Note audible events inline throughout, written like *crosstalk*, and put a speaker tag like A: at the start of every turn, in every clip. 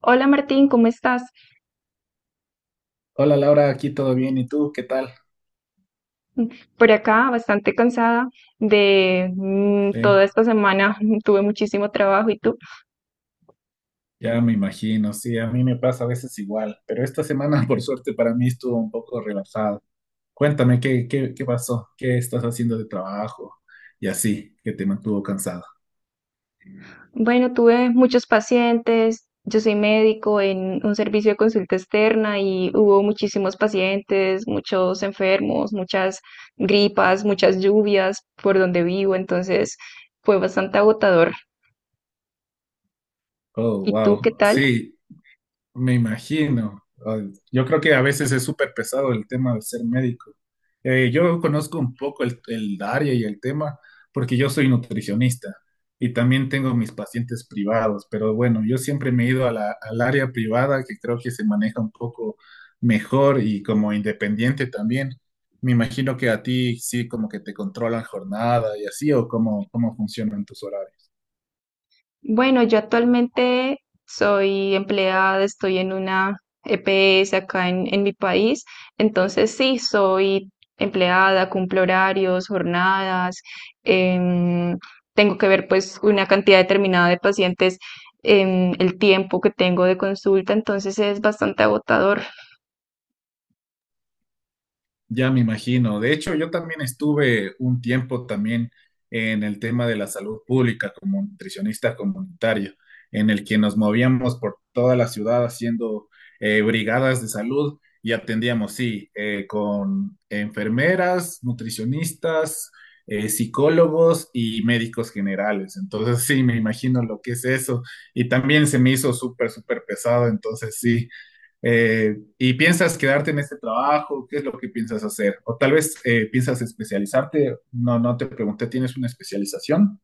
A: Hola Martín, ¿cómo estás?
B: Hola Laura, aquí todo bien, ¿y tú qué tal?
A: Por acá, bastante cansada de
B: Sí,
A: toda esta semana, *laughs* tuve muchísimo trabajo. ¿Y tú?
B: ya me imagino, sí, a mí me pasa a veces igual, pero esta semana *laughs* por suerte para mí estuvo un poco relajado. Cuéntame, ¿qué pasó? ¿Qué estás haciendo de trabajo? Y así, que te mantuvo cansado.
A: Bueno, tuve muchos pacientes. Yo soy médico en un servicio de consulta externa y hubo muchísimos pacientes, muchos enfermos, muchas gripas, muchas lluvias por donde vivo, entonces fue bastante agotador.
B: Oh,
A: ¿Y tú qué
B: wow,
A: tal?
B: sí, me imagino. Ay, yo creo que a veces es súper pesado el tema de ser médico. Yo conozco un poco el área y el tema porque yo soy nutricionista y también tengo mis pacientes privados, pero bueno, yo siempre me he ido a al área privada que creo que se maneja un poco mejor y como independiente también. Me imagino que a ti sí como que te controlan jornada y así o cómo funcionan tus horarios.
A: Bueno, yo actualmente soy empleada, estoy en una EPS acá en mi país, entonces sí, soy empleada, cumplo horarios, jornadas, em, tengo que ver pues una cantidad determinada de pacientes, el tiempo que tengo de consulta, entonces es bastante agotador.
B: Ya me imagino. De hecho, yo también estuve un tiempo también en el tema de la salud pública como nutricionista comunitario, en el que nos movíamos por toda la ciudad haciendo brigadas de salud y atendíamos, sí, con enfermeras, nutricionistas, psicólogos y médicos generales. Entonces, sí, me imagino lo que es eso. Y también se me hizo súper, súper pesado. Entonces, sí, y piensas quedarte en este trabajo, ¿qué es lo que piensas hacer? O tal vez piensas especializarte, no, no te pregunté, ¿tienes una especialización?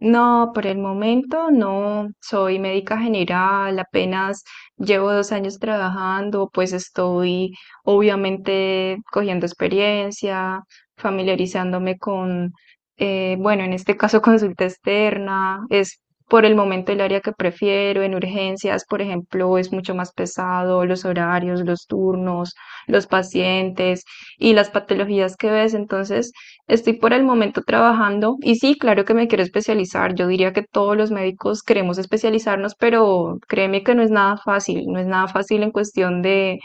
A: No, por el momento no. Soy médica general, apenas llevo dos años trabajando, pues estoy obviamente cogiendo experiencia, familiarizándome con, bueno, en este caso, *laughs* consulta externa es por el momento el área que prefiero. En urgencias, por ejemplo, es mucho más pesado los horarios, los turnos, los pacientes y las patologías que ves. Entonces, estoy por el momento trabajando y sí, claro que me quiero especializar. Yo diría que todos los médicos queremos especializarnos, pero créeme que no es nada fácil. No es nada fácil en cuestión de,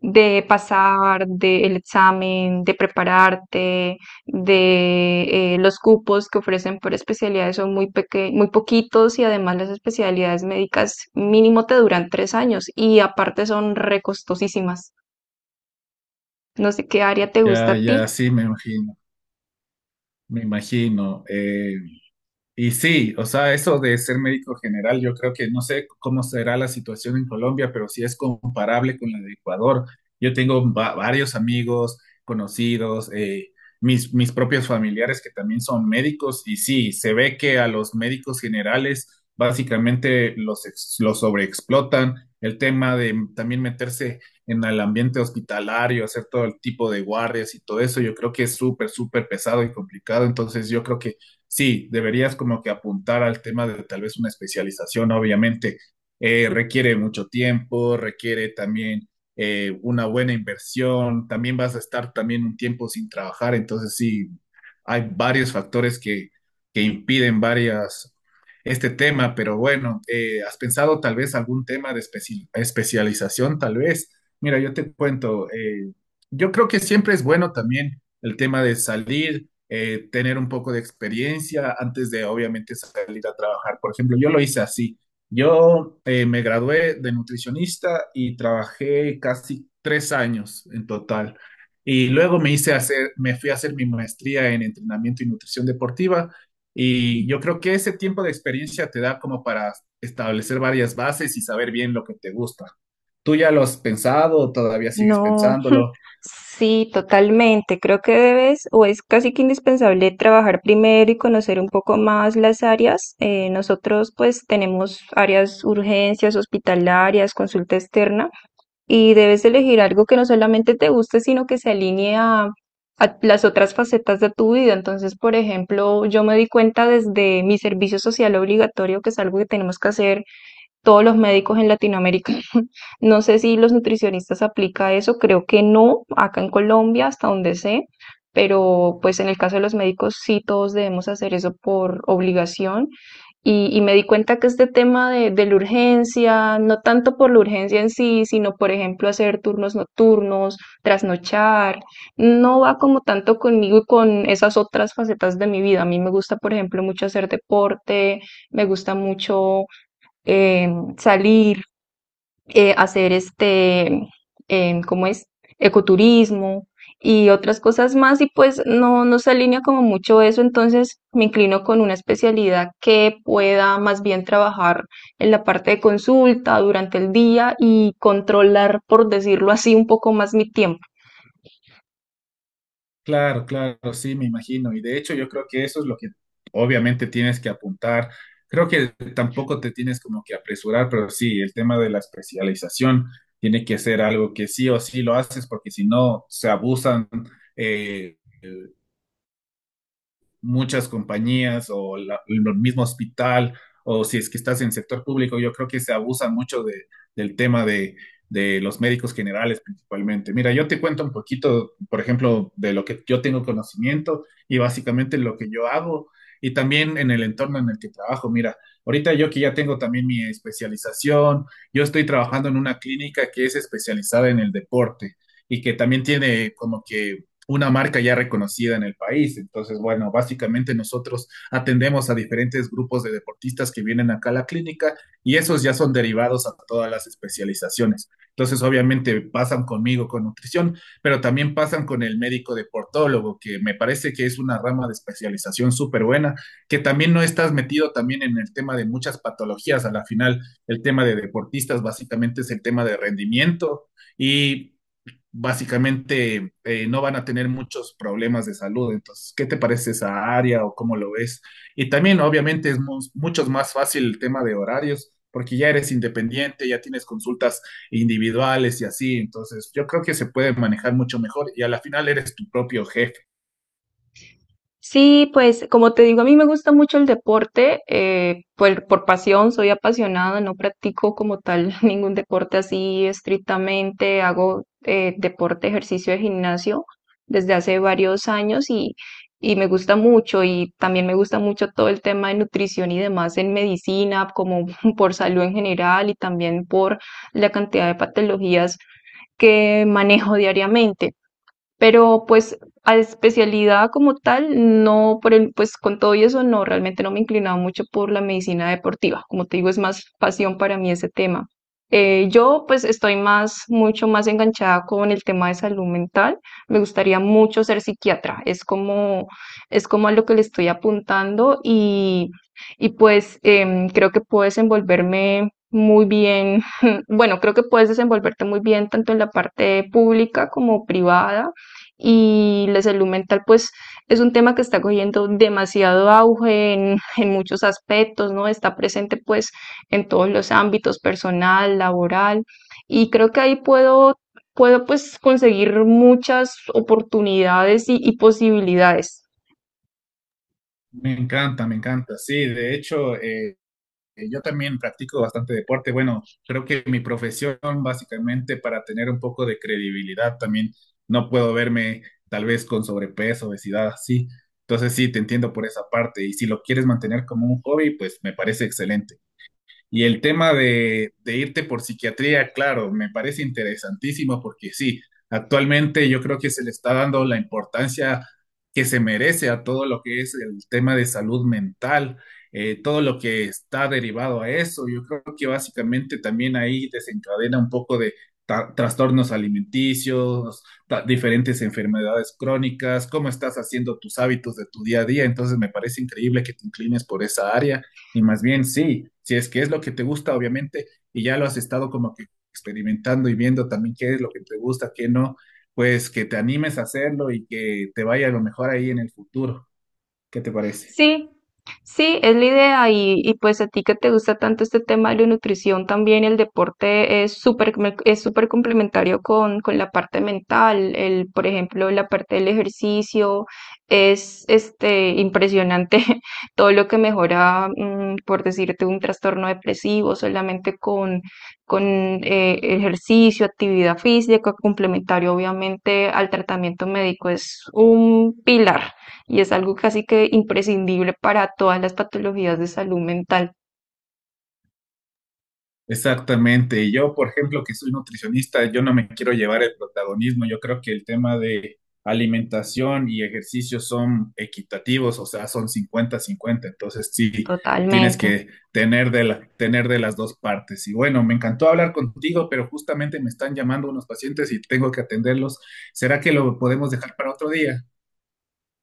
A: de pasar, del examen, de prepararte, de los cupos que ofrecen por especialidades son muy poquitos, y además las especialidades médicas mínimo te duran tres años y aparte son recostosísimas. No sé qué área te gusta
B: Ya,
A: a ti.
B: ya sí, me imagino, me imagino. Y sí, o sea, eso de ser médico general, yo creo que no sé cómo será la situación en Colombia, pero sí es comparable con la de Ecuador. Yo tengo varios amigos, conocidos, mis propios familiares que también son médicos y sí, se ve que a los médicos generales básicamente los sobreexplotan. El tema de también meterse en el ambiente hospitalario, hacer todo el tipo de guardias y todo eso, yo creo que es súper, súper pesado y complicado. Entonces, yo creo que sí, deberías como que apuntar al tema de tal vez una especialización, obviamente. Requiere mucho tiempo, requiere también una buena inversión, también vas a estar también un tiempo sin trabajar, entonces sí, hay varios factores que impiden varias este tema, pero bueno, ¿has pensado tal vez algún tema de especialización? Tal vez, mira, yo te cuento, yo creo que siempre es bueno también el tema de salir tener un poco de experiencia antes de obviamente salir a trabajar. Por ejemplo, yo lo hice así. Yo me gradué de nutricionista y trabajé casi 3 años en total. Y luego me fui a hacer mi maestría en entrenamiento y nutrición deportiva. Y yo creo que ese tiempo de experiencia te da como para establecer varias bases y saber bien lo que te gusta. ¿Tú ya lo has pensado? ¿Todavía sigues
A: No, *laughs*
B: pensándolo?
A: sí, totalmente. Creo que debes, o es casi que indispensable, trabajar primero y conocer un poco más las áreas. Nosotros pues tenemos áreas urgencias, hospitalarias, consulta externa, y debes elegir algo que no solamente te guste, sino que se alinee a las otras facetas de tu vida. Entonces, por ejemplo, yo me di cuenta desde mi servicio social obligatorio, que es algo que tenemos que hacer todos los médicos en Latinoamérica. *laughs* No sé si los nutricionistas aplica eso, creo que no, acá en Colombia, hasta donde sé, pero pues en el caso de los médicos sí, todos debemos hacer eso por obligación. Y me di cuenta que este tema de la urgencia, no tanto por la urgencia en sí, sino por ejemplo hacer turnos nocturnos, trasnochar, no va como tanto conmigo y con esas otras facetas de mi vida. A mí me gusta, por ejemplo, mucho hacer deporte, me gusta mucho eh, salir, hacer, ¿cómo es? Ecoturismo y otras cosas más, y pues no, no se alinea como mucho eso, entonces me inclino con una especialidad que pueda más bien trabajar en la parte de consulta durante el día y controlar, por decirlo así, un poco más mi tiempo.
B: Claro, claro, sí, me imagino. Y de hecho yo creo que eso es lo que obviamente tienes que apuntar. Creo que tampoco te tienes como que apresurar, pero sí, el tema de la especialización tiene que ser algo que sí o sí lo haces, porque si no, se abusan. eh, Muchas compañías o el mismo hospital o si es que estás en sector público, yo creo que se abusan mucho del tema de los médicos generales principalmente. Mira, yo te cuento un poquito, por ejemplo, de lo que yo tengo conocimiento y básicamente lo que yo hago y también en el entorno en el que trabajo. Mira, ahorita yo que ya tengo también mi especialización, yo estoy trabajando en una clínica que es especializada en el deporte y que también tiene como que una marca ya reconocida en el país. Entonces, bueno, básicamente nosotros atendemos a diferentes grupos de deportistas que vienen acá a la clínica y esos ya son derivados a todas las especializaciones. Entonces, obviamente pasan conmigo con nutrición, pero también pasan con el médico deportólogo, que me parece que es una rama de especialización súper buena, que también no estás metido también en el tema de muchas patologías. A la final, el tema de deportistas básicamente es el tema de rendimiento y básicamente no van a tener muchos problemas de salud. Entonces, ¿qué te parece esa área o cómo lo ves? Y también, obviamente, es mucho más fácil el tema de horarios, porque ya eres independiente, ya tienes consultas individuales y así. Entonces, yo creo que se puede manejar mucho mejor y a la final eres tu propio jefe.
A: Sí, pues como te digo, a mí me gusta mucho el deporte, por pasión, soy apasionada, no practico como tal *laughs* ningún deporte así estrictamente, hago deporte, ejercicio de gimnasio desde hace varios años y me gusta mucho, y también me gusta mucho todo el tema de nutrición y demás en medicina, como *laughs* por salud en general y también por la cantidad de patologías que manejo diariamente. Pero pues a especialidad como tal, no, por el, pues con todo y eso, no, realmente no me he inclinado mucho por la medicina deportiva. Como te digo, es más pasión para mí ese tema. Yo pues estoy más, mucho más enganchada con el tema de salud mental. Me gustaría mucho ser psiquiatra. Es como a lo que le estoy apuntando, y pues creo que puedo desenvolverme muy bien. *laughs* Bueno, creo que puedes desenvolverte muy bien tanto en la parte pública como privada, y la salud mental pues es un tema que está cogiendo demasiado auge en muchos aspectos, ¿no? Está presente pues en todos los ámbitos, personal, laboral, y creo que ahí puedo pues conseguir muchas oportunidades y posibilidades.
B: Me encanta, me encanta. Sí, de hecho, yo también practico bastante deporte. Bueno, creo que mi profesión, básicamente, para tener un poco de credibilidad, también no puedo verme tal vez con sobrepeso, obesidad, así. Entonces sí, te entiendo por esa parte. Y si lo quieres mantener como un hobby, pues me parece excelente. Y el tema de irte por psiquiatría, claro, me parece interesantísimo porque sí, actualmente yo creo que se le está dando la importancia que se merece a todo lo que es el tema de salud mental, todo lo que está derivado a eso. Yo creo que básicamente también ahí desencadena un poco de trastornos alimenticios, diferentes enfermedades crónicas, cómo estás haciendo tus hábitos de tu día a día. Entonces me parece increíble que te inclines por esa área. Y más bien sí, si es que es lo que te gusta, obviamente, y ya lo has estado como que experimentando y viendo también qué es lo que te gusta, qué no, pues que te animes a hacerlo y que te vaya a lo mejor ahí en el futuro. ¿Qué te parece?
A: Sí, sí, es la idea y pues a ti que te gusta tanto este tema de la nutrición, también el deporte es es súper complementario con la parte mental. El, por ejemplo, la parte del ejercicio es este impresionante, *laughs* todo lo que mejora por decirte un trastorno depresivo solamente con ejercicio, actividad física complementario, obviamente, al tratamiento médico, es un pilar y es algo casi que imprescindible para todas las patologías de salud mental,
B: Exactamente. Y yo, por ejemplo, que soy nutricionista, yo no me quiero llevar el protagonismo. Yo creo que el tema de alimentación y ejercicio son equitativos, o sea, son 50-50. Entonces, sí, tienes
A: totalmente.
B: que tener de las dos partes. Y bueno, me encantó hablar contigo, pero justamente me están llamando unos pacientes y tengo que atenderlos. ¿Será que lo podemos dejar para otro día?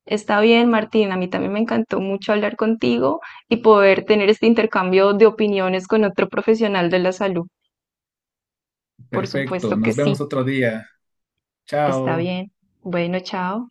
A: Está bien, Martín, a mí también me encantó mucho hablar contigo y poder tener este intercambio de opiniones con otro profesional de la salud. Por
B: Perfecto.
A: supuesto que
B: Nos
A: sí,
B: vemos otro día.
A: está
B: Chao.
A: bien. Bueno, chao.